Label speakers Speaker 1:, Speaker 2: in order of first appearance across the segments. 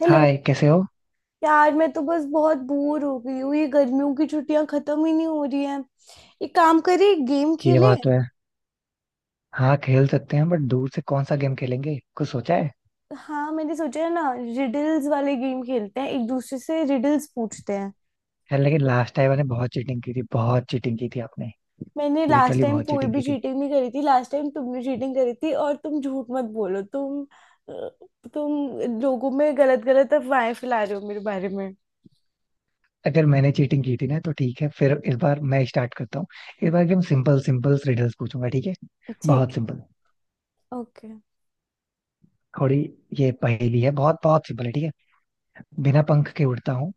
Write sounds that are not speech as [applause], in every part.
Speaker 1: Hello.
Speaker 2: Hi, कैसे हो।
Speaker 1: यार मैं तो बस बहुत बोर हो गई हूँ। ये गर्मियों की छुट्टियां खत्म ही नहीं हो रही हैं। एक काम करें, गेम
Speaker 2: ये
Speaker 1: खेले।
Speaker 2: बात तो है। हाँ, खेल सकते हैं, बट दूर से कौन सा गेम खेलेंगे, कुछ सोचा है।
Speaker 1: हाँ, मैंने सोचा है ना, रिडल्स वाले गेम खेलते हैं, एक दूसरे से रिडल्स पूछते हैं।
Speaker 2: यार लेकिन लास्ट टाइम मैंने बहुत चीटिंग की थी, बहुत चीटिंग की थी आपने।
Speaker 1: मैंने लास्ट
Speaker 2: लिटरली
Speaker 1: टाइम
Speaker 2: बहुत
Speaker 1: कोई
Speaker 2: चीटिंग
Speaker 1: भी
Speaker 2: की थी।
Speaker 1: चीटिंग नहीं करी थी, लास्ट टाइम तुमने चीटिंग करी थी। और तुम झूठ मत बोलो अ, तुम लोगों में गलत गलत अफवाहें फैला रहे हो मेरे बारे में।
Speaker 2: अगर मैंने चीटिंग की थी ना, तो ठीक है, फिर इस बार मैं स्टार्ट करता हूँ। इस बार एकदम सिंपल सिंपल रिडल्स पूछूंगा, ठीक है।
Speaker 1: ठीक।
Speaker 2: बहुत सिंपल।
Speaker 1: ओके।
Speaker 2: थोड़ी। ये पहेली है, बहुत बहुत सिंपल है, ठीक है। बिना पंख के उड़ता हूँ,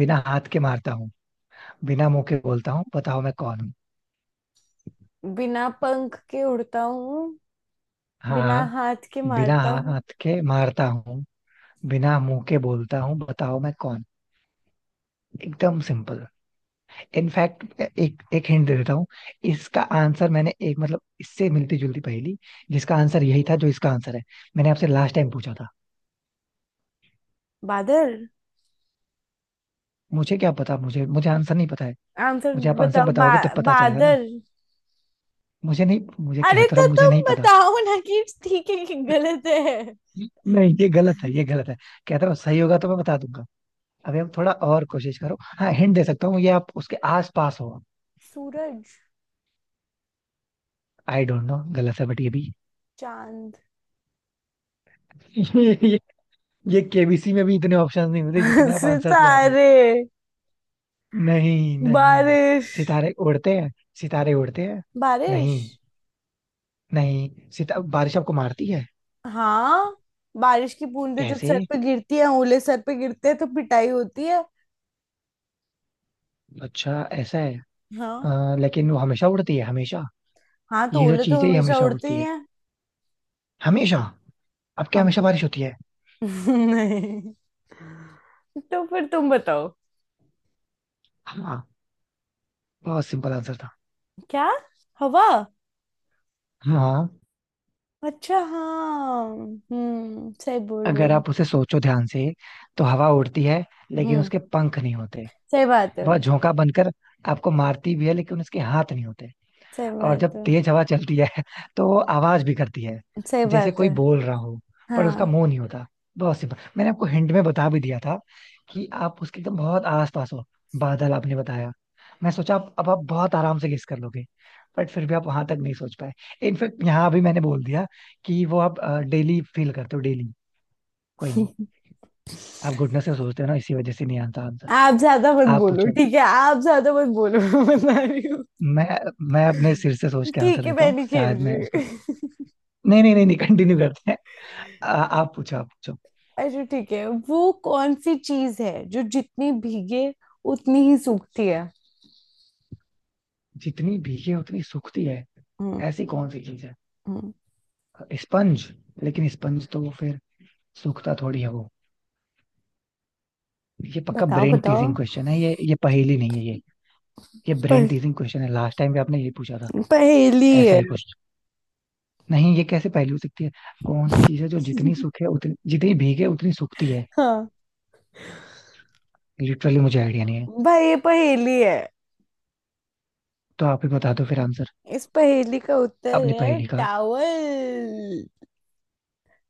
Speaker 2: बिना हाथ के मारता हूँ, बिना मुंह के बोलता हूँ, बताओ मैं कौन हूँ।
Speaker 1: बिना पंख के उड़ता हूँ, बिना
Speaker 2: हाँ,
Speaker 1: हाथ के
Speaker 2: बिना
Speaker 1: मारता हूँ।
Speaker 2: हाथ के मारता हूँ, बिना मुंह के बोलता हूँ, बताओ मैं कौन। एकदम सिंपल। इनफैक्ट एक एक हिंट दे देता हूँ। इसका आंसर मैंने एक, मतलब, इससे मिलती जुलती पहेली जिसका आंसर यही था जो इसका आंसर है, मैंने आपसे लास्ट टाइम पूछा था।
Speaker 1: बादल।
Speaker 2: मुझे क्या पता, मुझे मुझे आंसर नहीं पता है।
Speaker 1: आंसर
Speaker 2: मुझे, आप आंसर
Speaker 1: बताओ।
Speaker 2: बताओगे तब पता चलेगा ना।
Speaker 1: बादल।
Speaker 2: मुझे नहीं मुझे
Speaker 1: अरे
Speaker 2: कहता रहा
Speaker 1: तो
Speaker 2: हूँ, मुझे
Speaker 1: तुम
Speaker 2: नहीं पता।
Speaker 1: बताओ ना, कि ठीक है कि गलत है।
Speaker 2: नहीं, ये गलत है, ये गलत है। कहता रहा हूँ, सही होगा तो मैं बता दूंगा। अभी आप थोड़ा और कोशिश करो। हाँ, हिंट दे सकता हूँ, ये आप उसके आस पास हो।
Speaker 1: सूरज।
Speaker 2: आई डोंट नो, गलत है, बट ये भी।
Speaker 1: चांद।
Speaker 2: [laughs] ये ये केबीसी में भी इतने ऑप्शंस नहीं मिलते जितने
Speaker 1: [laughs]
Speaker 2: आप आंसर्स मार रहे हो।
Speaker 1: सितारे।
Speaker 2: नहीं नहीं,
Speaker 1: बारिश।
Speaker 2: सितारे उड़ते हैं, सितारे उड़ते हैं। नहीं,
Speaker 1: बारिश।
Speaker 2: नहीं, सिता बारिश आपको मारती है।
Speaker 1: हाँ, बारिश की बूंदें जब
Speaker 2: कैसे।
Speaker 1: सर पे गिरती है, ओले सर पे गिरते हैं तो पिटाई होती है।
Speaker 2: अच्छा, ऐसा है।
Speaker 1: हाँ।
Speaker 2: लेकिन वो हमेशा उड़ती है, हमेशा।
Speaker 1: हाँ तो
Speaker 2: ये जो
Speaker 1: ओले तो
Speaker 2: चीज है, ये
Speaker 1: हमेशा
Speaker 2: हमेशा
Speaker 1: उड़ते
Speaker 2: उड़ती
Speaker 1: ही
Speaker 2: है,
Speaker 1: हैं।
Speaker 2: हमेशा। अब क्या
Speaker 1: हम।
Speaker 2: हमेशा बारिश होती है।
Speaker 1: [laughs] नहीं। तो फिर तुम बताओ
Speaker 2: हाँ। बहुत सिंपल आंसर था।
Speaker 1: क्या। हवा।
Speaker 2: हाँ।
Speaker 1: अच्छा, हाँ, हम्म, सही बोल रहे
Speaker 2: अगर
Speaker 1: हो।
Speaker 2: आप उसे सोचो ध्यान से, तो हवा उड़ती है, लेकिन
Speaker 1: हम्म।
Speaker 2: उसके पंख नहीं होते।
Speaker 1: सही बात है।
Speaker 2: वह झोंका बनकर आपको मारती भी है, लेकिन उसके हाथ नहीं होते।
Speaker 1: सही
Speaker 2: और
Speaker 1: बात
Speaker 2: जब
Speaker 1: है।
Speaker 2: तेज हवा चलती है [laughs] तो वो आवाज भी करती है,
Speaker 1: सही
Speaker 2: जैसे
Speaker 1: बात
Speaker 2: कोई
Speaker 1: है।
Speaker 2: बोल रहा हो, पर उसका
Speaker 1: हाँ।
Speaker 2: मुंह नहीं होता। बहुत सिंपल, मैंने आपको हिंट में बता भी दिया था कि आप उसके एकदम बहुत आस पास हो। बादल आपने बताया, मैं सोचा आप, अब आप बहुत आराम से गेस कर लोगे, बट फिर भी आप वहां तक नहीं सोच पाए। इनफैक्ट यहाँ भी मैंने बोल दिया कि वो आप डेली फील करते हो, डेली। कोई नहीं। आप गुडनेस से सोचते हो ना, इसी वजह से नहीं आता आंसर।
Speaker 1: आप ज्यादा मत
Speaker 2: आप
Speaker 1: बोलो,
Speaker 2: पूछो।
Speaker 1: ठीक है, आप ज्यादा मत बोलो। [laughs] मैं बता रही हूँ।
Speaker 2: मैं मैं अपने सिर से सोच के
Speaker 1: ठीक
Speaker 2: आंसर
Speaker 1: है,
Speaker 2: देता
Speaker 1: मैं
Speaker 2: हूँ,
Speaker 1: नहीं खेल
Speaker 2: शायद मैं इस पर।
Speaker 1: रही।
Speaker 2: नहीं नहीं नहीं नहीं, कंटिन्यू करते हैं। आप पूछो, आप पूछो।
Speaker 1: [laughs] अच्छा ठीक है। वो कौन सी चीज है जो जितनी भीगे उतनी ही सूखती है।
Speaker 2: जितनी भीगे उतनी सूखती है।
Speaker 1: हम्म।
Speaker 2: ऐसी कौन सी चीज है।
Speaker 1: हम्म।
Speaker 2: स्पंज। लेकिन स्पंज तो फिर सूखता थोड़ी है वो। ये पक्का
Speaker 1: बताओ
Speaker 2: ब्रेन
Speaker 1: बताओ।
Speaker 2: टीजिंग क्वेश्चन है, ये पहेली नहीं है, ये ब्रेन
Speaker 1: प-
Speaker 2: टीजिंग क्वेश्चन है। लास्ट टाइम भी आपने ये पूछा था,
Speaker 1: पहेली
Speaker 2: ऐसा
Speaker 1: है।
Speaker 2: ही कुछ। नहीं, ये कैसे पहेली हो सकती है। कौन सी चीज है जो जितनी सूखे उतनी, जितनी भीगे उतनी सूखती है।
Speaker 1: हाँ
Speaker 2: लिटरली मुझे आइडिया नहीं है।
Speaker 1: भाई, ये पहेली है।
Speaker 2: तो आप ही बता दो फिर आंसर,
Speaker 1: इस पहेली का उत्तर
Speaker 2: अपनी
Speaker 1: है
Speaker 2: पहेली का।
Speaker 1: टावल।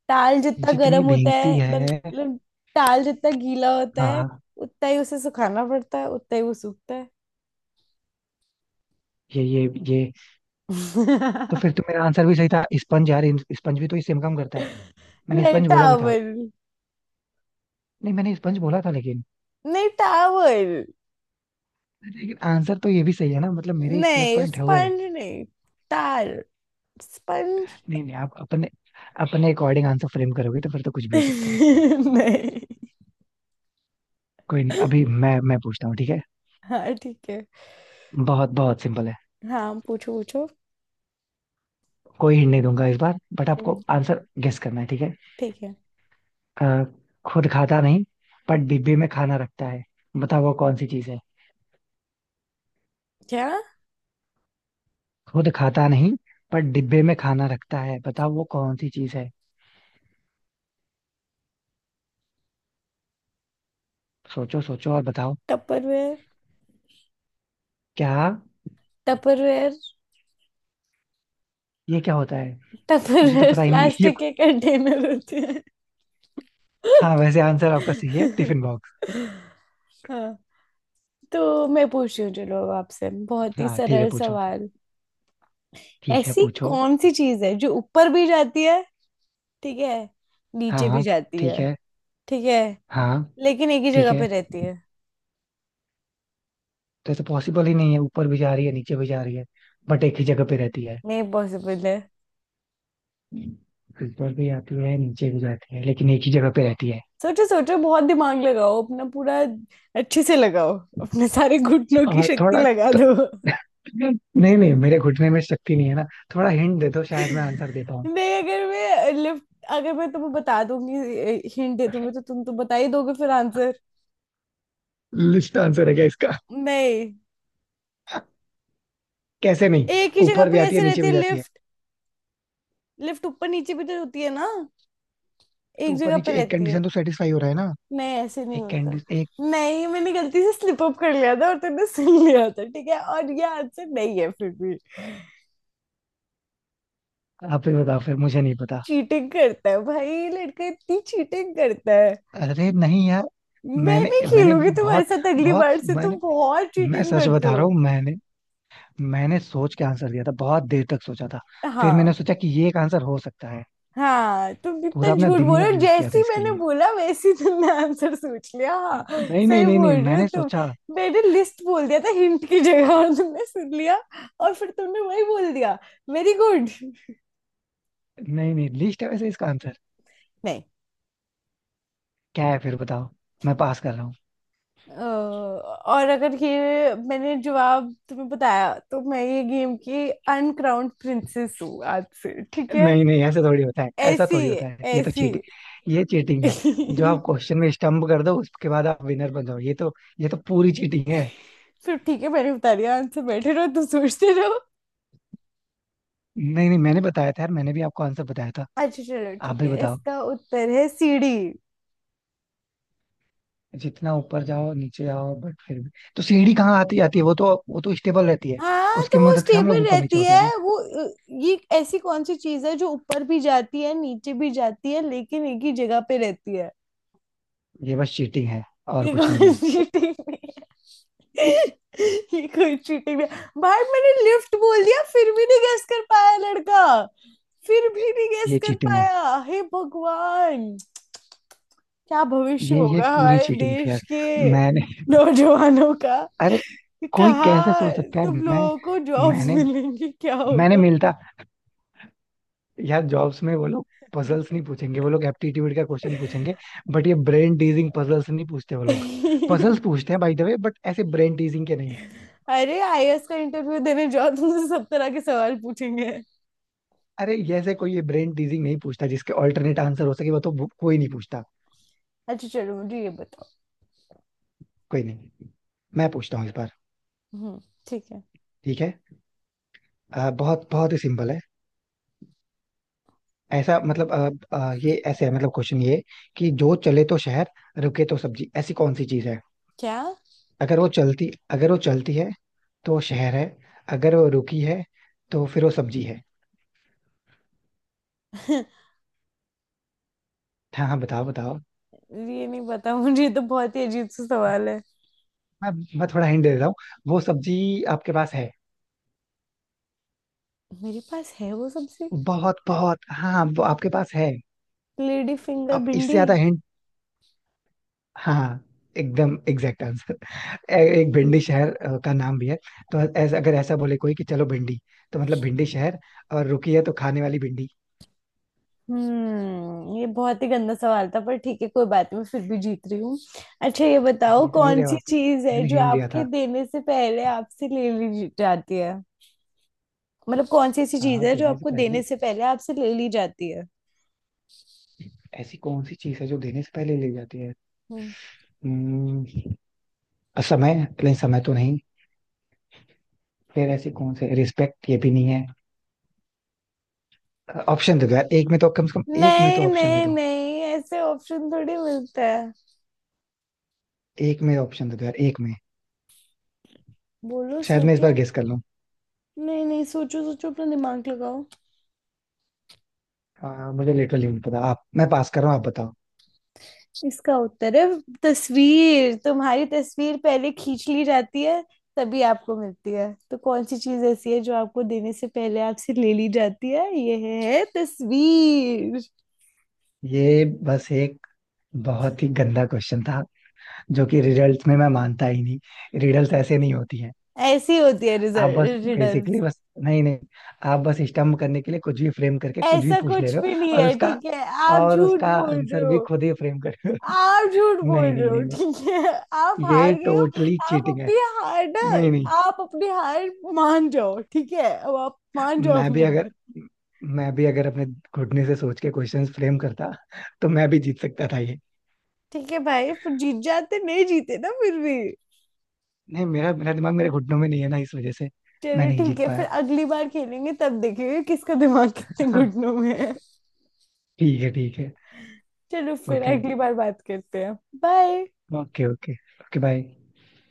Speaker 1: ताल जितना
Speaker 2: जितनी
Speaker 1: गर्म होता है,
Speaker 2: भीगती है।
Speaker 1: मतलब ताल जितना गीला होता है,
Speaker 2: हाँ।
Speaker 1: उतना ही उसे सुखाना पड़ता है, उतना ही वो सूखता है।
Speaker 2: ये ये ये, तो फिर
Speaker 1: [laughs]
Speaker 2: तो मेरा आंसर भी सही था, स्पंज यार। स्पंज भी तो इससे इनकम करता है। मैंने
Speaker 1: नहीं,
Speaker 2: स्पंज बोला भी था।
Speaker 1: टावल।
Speaker 2: नहीं, मैंने स्पंज बोला था, लेकिन,
Speaker 1: नहीं, टावल।
Speaker 2: लेकिन आंसर तो ये भी सही है ना, मतलब मेरे एक प्लस
Speaker 1: नहीं,
Speaker 2: पॉइंट हुए।
Speaker 1: स्पंज नहीं। तार। स्पंज।
Speaker 2: नहीं नहीं, आप अपने, अपने अकॉर्डिंग आंसर फ्रेम करोगे तो फिर तो कुछ
Speaker 1: [laughs]
Speaker 2: भी हो सकता है।
Speaker 1: नहीं।
Speaker 2: कोई नहीं, अभी मैं पूछता हूँ, ठीक है।
Speaker 1: हाँ ठीक है।
Speaker 2: बहुत बहुत सिंपल है।
Speaker 1: हाँ पूछो पूछो।
Speaker 2: कोई हिंट नहीं दूंगा इस बार, बट
Speaker 1: हम्म,
Speaker 2: आपको आंसर गेस करना है, ठीक है।
Speaker 1: ठीक है।
Speaker 2: अ, खुद खाता नहीं, पर डिब्बे में खाना रखता है, बताओ वो कौन सी चीज है।
Speaker 1: क्या।
Speaker 2: खुद खाता नहीं, पर डिब्बे में खाना रखता है, बताओ वो कौन सी चीज है। सोचो सोचो और बताओ।
Speaker 1: टपरवेयर।
Speaker 2: क्या।
Speaker 1: टपरवेयर।
Speaker 2: ये क्या होता है। मुझे तो
Speaker 1: टपरवेयर
Speaker 2: पता ही नहीं ये।
Speaker 1: प्लास्टिक [laughs] के कंटेनर होते हैं।
Speaker 2: हाँ, वैसे आंसर आपका सही है, टिफिन
Speaker 1: [laughs]
Speaker 2: बॉक्स।
Speaker 1: हाँ। तो मैं पूछ रही हूँ, चलो अब आपसे बहुत ही
Speaker 2: हाँ, ठीक है,
Speaker 1: सरल
Speaker 2: पूछो।
Speaker 1: सवाल।
Speaker 2: ठीक है,
Speaker 1: ऐसी
Speaker 2: पूछो।
Speaker 1: कौन सी चीज है जो ऊपर भी जाती है, ठीक है,
Speaker 2: हाँ
Speaker 1: नीचे भी
Speaker 2: हाँ,
Speaker 1: जाती
Speaker 2: ठीक
Speaker 1: है,
Speaker 2: है।
Speaker 1: ठीक है,
Speaker 2: हाँ।
Speaker 1: लेकिन एक ही
Speaker 2: ठीक
Speaker 1: जगह
Speaker 2: है।
Speaker 1: पे रहती है।
Speaker 2: तो ऐसे पॉसिबल ही नहीं है, ऊपर भी जा रही है, नीचे भी जा रही है, बट एक ही जगह पे रहती है।
Speaker 1: नहीं, पॉसिबल है।
Speaker 2: ऊपर भी आती है, नीचे भी जाती है, लेकिन एक ही जगह पे रहती है।
Speaker 1: सोचो सोचो, बहुत दिमाग लगाओ, अपना पूरा अच्छे से लगाओ, अपने सारे घुटनों की
Speaker 2: और
Speaker 1: शक्ति
Speaker 2: थोड़ा।
Speaker 1: लगा
Speaker 2: तो-
Speaker 1: दो।
Speaker 2: [laughs] नहीं नहीं, मेरे घुटने में शक्ति नहीं है ना। थोड़ा हिंट दे दो, शायद मैं आंसर दे पाऊँ।
Speaker 1: नहीं, अगर मैं लिफ्ट, अगर मैं तुम्हें बता दूंगी, हिंट दे दूंगी, तो तुम तो बता ही दोगे फिर आंसर।
Speaker 2: लिस्ट आंसर है क्या इसका।
Speaker 1: नहीं,
Speaker 2: कैसे नहीं,
Speaker 1: एक ही जगह
Speaker 2: ऊपर
Speaker 1: पे
Speaker 2: भी आती है,
Speaker 1: कैसे
Speaker 2: नीचे
Speaker 1: रहती है
Speaker 2: भी जाती है।
Speaker 1: लिफ्ट। लिफ्ट ऊपर नीचे भी तो होती है ना,
Speaker 2: तो
Speaker 1: एक
Speaker 2: ऊपर
Speaker 1: जगह पे
Speaker 2: नीचे एक
Speaker 1: रहती है।
Speaker 2: कंडीशन तो सेटिस्फाई हो रहा है ना।
Speaker 1: नहीं, ऐसे नहीं
Speaker 2: एक
Speaker 1: होता।
Speaker 2: कैंडी एक।
Speaker 1: नहीं, मैंने गलती से स्लिप अप कर लिया था और तूने सुन लिया था, ठीक है, और ये आंसर नहीं है फिर भी।
Speaker 2: आप ही बताओ, फिर मुझे नहीं पता।
Speaker 1: चीटिंग करता है भाई, लड़का इतनी चीटिंग करता है।
Speaker 2: अरे नहीं यार,
Speaker 1: मैं
Speaker 2: मैंने
Speaker 1: नहीं
Speaker 2: मैंने
Speaker 1: खेलूंगी
Speaker 2: मतलब
Speaker 1: तुम्हारे
Speaker 2: बहुत,
Speaker 1: साथ अगली
Speaker 2: बहुत,
Speaker 1: बार से,
Speaker 2: मैंने,
Speaker 1: तुम बहुत
Speaker 2: मैं
Speaker 1: चीटिंग
Speaker 2: सच
Speaker 1: करते
Speaker 2: बता
Speaker 1: हो।
Speaker 2: रहा हूँ, मैंने, मैंने सोच के आंसर दिया था, बहुत देर तक सोचा था। फिर मैंने
Speaker 1: हाँ।
Speaker 2: सोचा कि ये एक आंसर हो सकता है।
Speaker 1: हाँ तुम कितना
Speaker 2: पूरा अपना
Speaker 1: झूठ बोल रहे
Speaker 2: दिमाग
Speaker 1: हो,
Speaker 2: यूज किया
Speaker 1: जैसे
Speaker 2: था
Speaker 1: ही
Speaker 2: इसके
Speaker 1: मैंने
Speaker 2: लिए।
Speaker 1: बोला वैसे ही तुमने आंसर सोच लिया, हाँ।
Speaker 2: नहीं नहीं
Speaker 1: सही
Speaker 2: नहीं
Speaker 1: बोल
Speaker 2: नहीं,
Speaker 1: रहे हो
Speaker 2: मैंने
Speaker 1: तुम,
Speaker 2: सोचा।
Speaker 1: मैंने लिस्ट बोल दिया था हिंट की जगह और तुमने सुन लिया, और फिर तुमने वही बोल दिया। Very good.
Speaker 2: नहीं नहीं, लिस्ट है वैसे इसका आंसर।
Speaker 1: नहीं
Speaker 2: क्या है फिर बताओ, मैं पास कर रहा हूँ।
Speaker 1: और अगर ये मैंने जवाब तुम्हें बताया, तो मैं ये गेम की अनक्राउंड प्रिंसेस हूँ आज से, ठीक है।
Speaker 2: नहीं नहीं, ऐसा थोड़ी होता है, ऐसा
Speaker 1: ऐसी,
Speaker 2: थोड़ी होता है, ये तो
Speaker 1: ऐसी।
Speaker 2: चीटिंग, ये चीटिंग है। जो आप
Speaker 1: [laughs]
Speaker 2: क्वेश्चन में स्टम्प कर दो, उसके बाद आप विनर बन जाओ, ये तो, ये तो पूरी चीटिंग है।
Speaker 1: फिर ठीक है, मैंने बता दिया आंसर, बैठे रहो तुम सोचते रहो।
Speaker 2: नहीं नहीं, मैंने बताया था यार, मैंने भी आपको आंसर बताया था।
Speaker 1: अच्छा चलो
Speaker 2: आप
Speaker 1: ठीक
Speaker 2: भी
Speaker 1: है,
Speaker 2: बताओ।
Speaker 1: इसका उत्तर है सीढ़ी।
Speaker 2: जितना ऊपर जाओ नीचे आओ, बट फिर भी तो सीढ़ी कहाँ आती, आती है, वो तो, वो तो स्टेबल रहती है।
Speaker 1: हाँ तो
Speaker 2: उसकी
Speaker 1: वो
Speaker 2: मदद से हम लोग
Speaker 1: स्टेबल
Speaker 2: ऊपर नीचे
Speaker 1: रहती
Speaker 2: होते हैं ना।
Speaker 1: है वो। अ, ये ऐसी कौन सी चीज है जो ऊपर भी जाती है, नीचे भी जाती है, लेकिन एक ही जगह पे रहती है।
Speaker 2: ये बस चीटिंग है, और
Speaker 1: ये
Speaker 2: कुछ नहीं
Speaker 1: कोई
Speaker 2: है।
Speaker 1: चीटिंग नहीं है। ये कोई चीटिंग नहीं है। भाई मैंने लिफ्ट बोल दिया फिर भी नहीं गेस कर पाया लड़का, फिर भी नहीं गेस
Speaker 2: ये
Speaker 1: कर
Speaker 2: चीटिंग है।
Speaker 1: पाया। हे भगवान, क्या भविष्य
Speaker 2: ये
Speaker 1: होगा
Speaker 2: पूरी
Speaker 1: हमारे
Speaker 2: चीटिंग थी
Speaker 1: देश
Speaker 2: यार।
Speaker 1: के
Speaker 2: मैंने।
Speaker 1: नौजवानों का।
Speaker 2: [laughs] अरे, कोई कैसे
Speaker 1: कहाँ
Speaker 2: सोच सकता है
Speaker 1: तुम
Speaker 2: यार। मैं,
Speaker 1: लोगों को जॉब्स
Speaker 2: मैंने,
Speaker 1: मिलेंगी, क्या
Speaker 2: मैंने
Speaker 1: होगा।
Speaker 2: मिलता। यार जॉब्स में वो लोग पजल्स नहीं पूछेंगे, वो लोग एप्टीट्यूड का क्वेश्चन पूछेंगे। बट ये ब्रेन टीजिंग पजल्स नहीं पूछते वो लोग।
Speaker 1: [laughs]
Speaker 2: पजल्स पूछते हैं बाय द वे, बट ऐसे ब्रेन टीजिंग के नहीं।
Speaker 1: अरे आईएएस का इंटरव्यू देने जाओ, तुमसे सब तरह के सवाल पूछेंगे।
Speaker 2: अरे जैसे कोई ये ब्रेन टीजिंग नहीं पूछता जिसके ऑल्टरनेट आंसर हो सके, कोई नहीं पूछता।
Speaker 1: अच्छा चलो मुझे ये बताओ।
Speaker 2: कोई नहीं, मैं पूछता हूँ इस बार,
Speaker 1: हम्म। ठीक है।
Speaker 2: ठीक है। बहुत बहुत ही सिंपल है। ऐसा, मतलब, ये ऐसे है, मतलब क्वेश्चन ये कि जो चले तो शहर, रुके तो सब्जी, ऐसी कौन सी चीज है।
Speaker 1: क्या।
Speaker 2: अगर वो चलती है तो वो शहर है, अगर वो रुकी है तो फिर वो सब्जी है।
Speaker 1: [laughs]
Speaker 2: हाँ हाँ, बताओ बताओ।
Speaker 1: ये नहीं पता मुझे, ये तो बहुत ही अजीब सा सवाल है।
Speaker 2: मैं मैं थोड़ा हिंट दे देता हूँ। वो सब्जी आपके पास है।
Speaker 1: मेरे पास है वो सबसे।
Speaker 2: बहुत बहुत, हाँ, वो आपके पास है।
Speaker 1: लेडी फिंगर,
Speaker 2: अब इससे
Speaker 1: भिंडी।
Speaker 2: ज्यादा हिंट। हाँ, एकदम एग्जैक्ट आंसर। एक भिंडी शहर का नाम भी है। तो ऐसा, अगर ऐसा बोले कोई कि चलो भिंडी, तो मतलब भिंडी शहर, और रुकी है तो खाने वाली भिंडी।
Speaker 1: हम्म, ये बहुत ही गंदा सवाल था, पर ठीक है कोई बात नहीं, मैं फिर भी जीत रही हूँ। अच्छा ये बताओ,
Speaker 2: जीत नहीं
Speaker 1: कौन
Speaker 2: रहे हो
Speaker 1: सी
Speaker 2: आप,
Speaker 1: चीज है
Speaker 2: मैंने
Speaker 1: जो
Speaker 2: हिंट दिया
Speaker 1: आपके
Speaker 2: था।
Speaker 1: देने से पहले आपसे ले ली जाती है। मतलब कौन सी ऐसी चीज
Speaker 2: हाँ,
Speaker 1: है जो
Speaker 2: देने से
Speaker 1: आपको
Speaker 2: पहले।
Speaker 1: देने से पहले आपसे ले ली जाती है।
Speaker 2: ऐसी कौन सी चीज है जो देने से पहले ले जाती है।
Speaker 1: हम्म।
Speaker 2: हम्म, समय। नहीं, समय तो नहीं। फिर ऐसी कौन सी, रिस्पेक्ट, ये भी नहीं है। ऑप्शन दे दो यार, एक में तो कम से कम, एक में तो
Speaker 1: नहीं
Speaker 2: ऑप्शन दे
Speaker 1: नहीं
Speaker 2: दो।
Speaker 1: नहीं, ऐसे ऑप्शन थोड़ी मिलता है।
Speaker 2: एक में ऑप्शन दे दो यार, एक में।
Speaker 1: बोलो,
Speaker 2: शायद मैं इस
Speaker 1: सोचो।
Speaker 2: बार गेस कर लूं।
Speaker 1: नहीं नहीं, सोचो सोचो, अपना दिमाग लगाओ।
Speaker 2: मुझे लिटरली नहीं पता आप, मैं पास कर रहा हूँ, आप बताओ।
Speaker 1: इसका उत्तर है तस्वीर। तुम्हारी तस्वीर पहले खींच ली जाती है, तभी आपको मिलती है। तो कौन सी चीज ऐसी है जो आपको देने से पहले आपसे ले ली जाती है, यह है तस्वीर।
Speaker 2: ये बस एक बहुत ही गंदा क्वेश्चन था, जो कि रिडल्स में मैं मानता ही नहीं, रिडल्स ऐसे नहीं होती हैं।
Speaker 1: ऐसी होती है
Speaker 2: आप बस बेसिकली
Speaker 1: रिडल्स।
Speaker 2: बस, नहीं नहीं, आप बस स्टम्प करने के लिए कुछ भी फ्रेम करके कुछ भी
Speaker 1: ऐसा
Speaker 2: पूछ ले
Speaker 1: कुछ
Speaker 2: रहे
Speaker 1: भी
Speaker 2: हो,
Speaker 1: नहीं
Speaker 2: और
Speaker 1: है
Speaker 2: उसका
Speaker 1: ठीक है, आप
Speaker 2: और
Speaker 1: झूठ
Speaker 2: उसका
Speaker 1: बोल रहे
Speaker 2: आंसर भी
Speaker 1: हो।
Speaker 2: खुद ही फ्रेम कर रहे हो।
Speaker 1: आप झूठ
Speaker 2: [laughs]
Speaker 1: बोल
Speaker 2: नहीं
Speaker 1: रहे
Speaker 2: नहीं
Speaker 1: हो,
Speaker 2: नहीं नहीं,
Speaker 1: ठीक है। आप
Speaker 2: ये
Speaker 1: हार गए हो।
Speaker 2: टोटली
Speaker 1: आप
Speaker 2: चीटिंग है।
Speaker 1: अपनी हार ना,
Speaker 2: नहीं नहीं,
Speaker 1: आप अपनी हार मान जाओ, ठीक है, अब आप मान जाओ
Speaker 2: मैं
Speaker 1: अपनी
Speaker 2: भी अगर
Speaker 1: हार।
Speaker 2: मैं भी अगर अपने घुटने से सोच के क्वेश्चंस फ्रेम करता, तो मैं भी जीत सकता था। ये
Speaker 1: ठीक है भाई, फिर जीत जाते, नहीं जीते ना फिर भी।
Speaker 2: नहीं, मेरा मेरा दिमाग मेरे घुटनों में नहीं है ना, इस वजह से मैं
Speaker 1: चलो
Speaker 2: नहीं
Speaker 1: ठीक
Speaker 2: जीत
Speaker 1: है, फिर
Speaker 2: पाया।
Speaker 1: अगली बार खेलेंगे, तब देखेंगे किसका दिमाग कितने
Speaker 2: [laughs]
Speaker 1: घुटनों में है।
Speaker 2: ठीक है, ठीक है।
Speaker 1: चलो फिर
Speaker 2: ओके
Speaker 1: अगली बार बात करते हैं। Bye.
Speaker 2: Okay. Okay, okay, bye.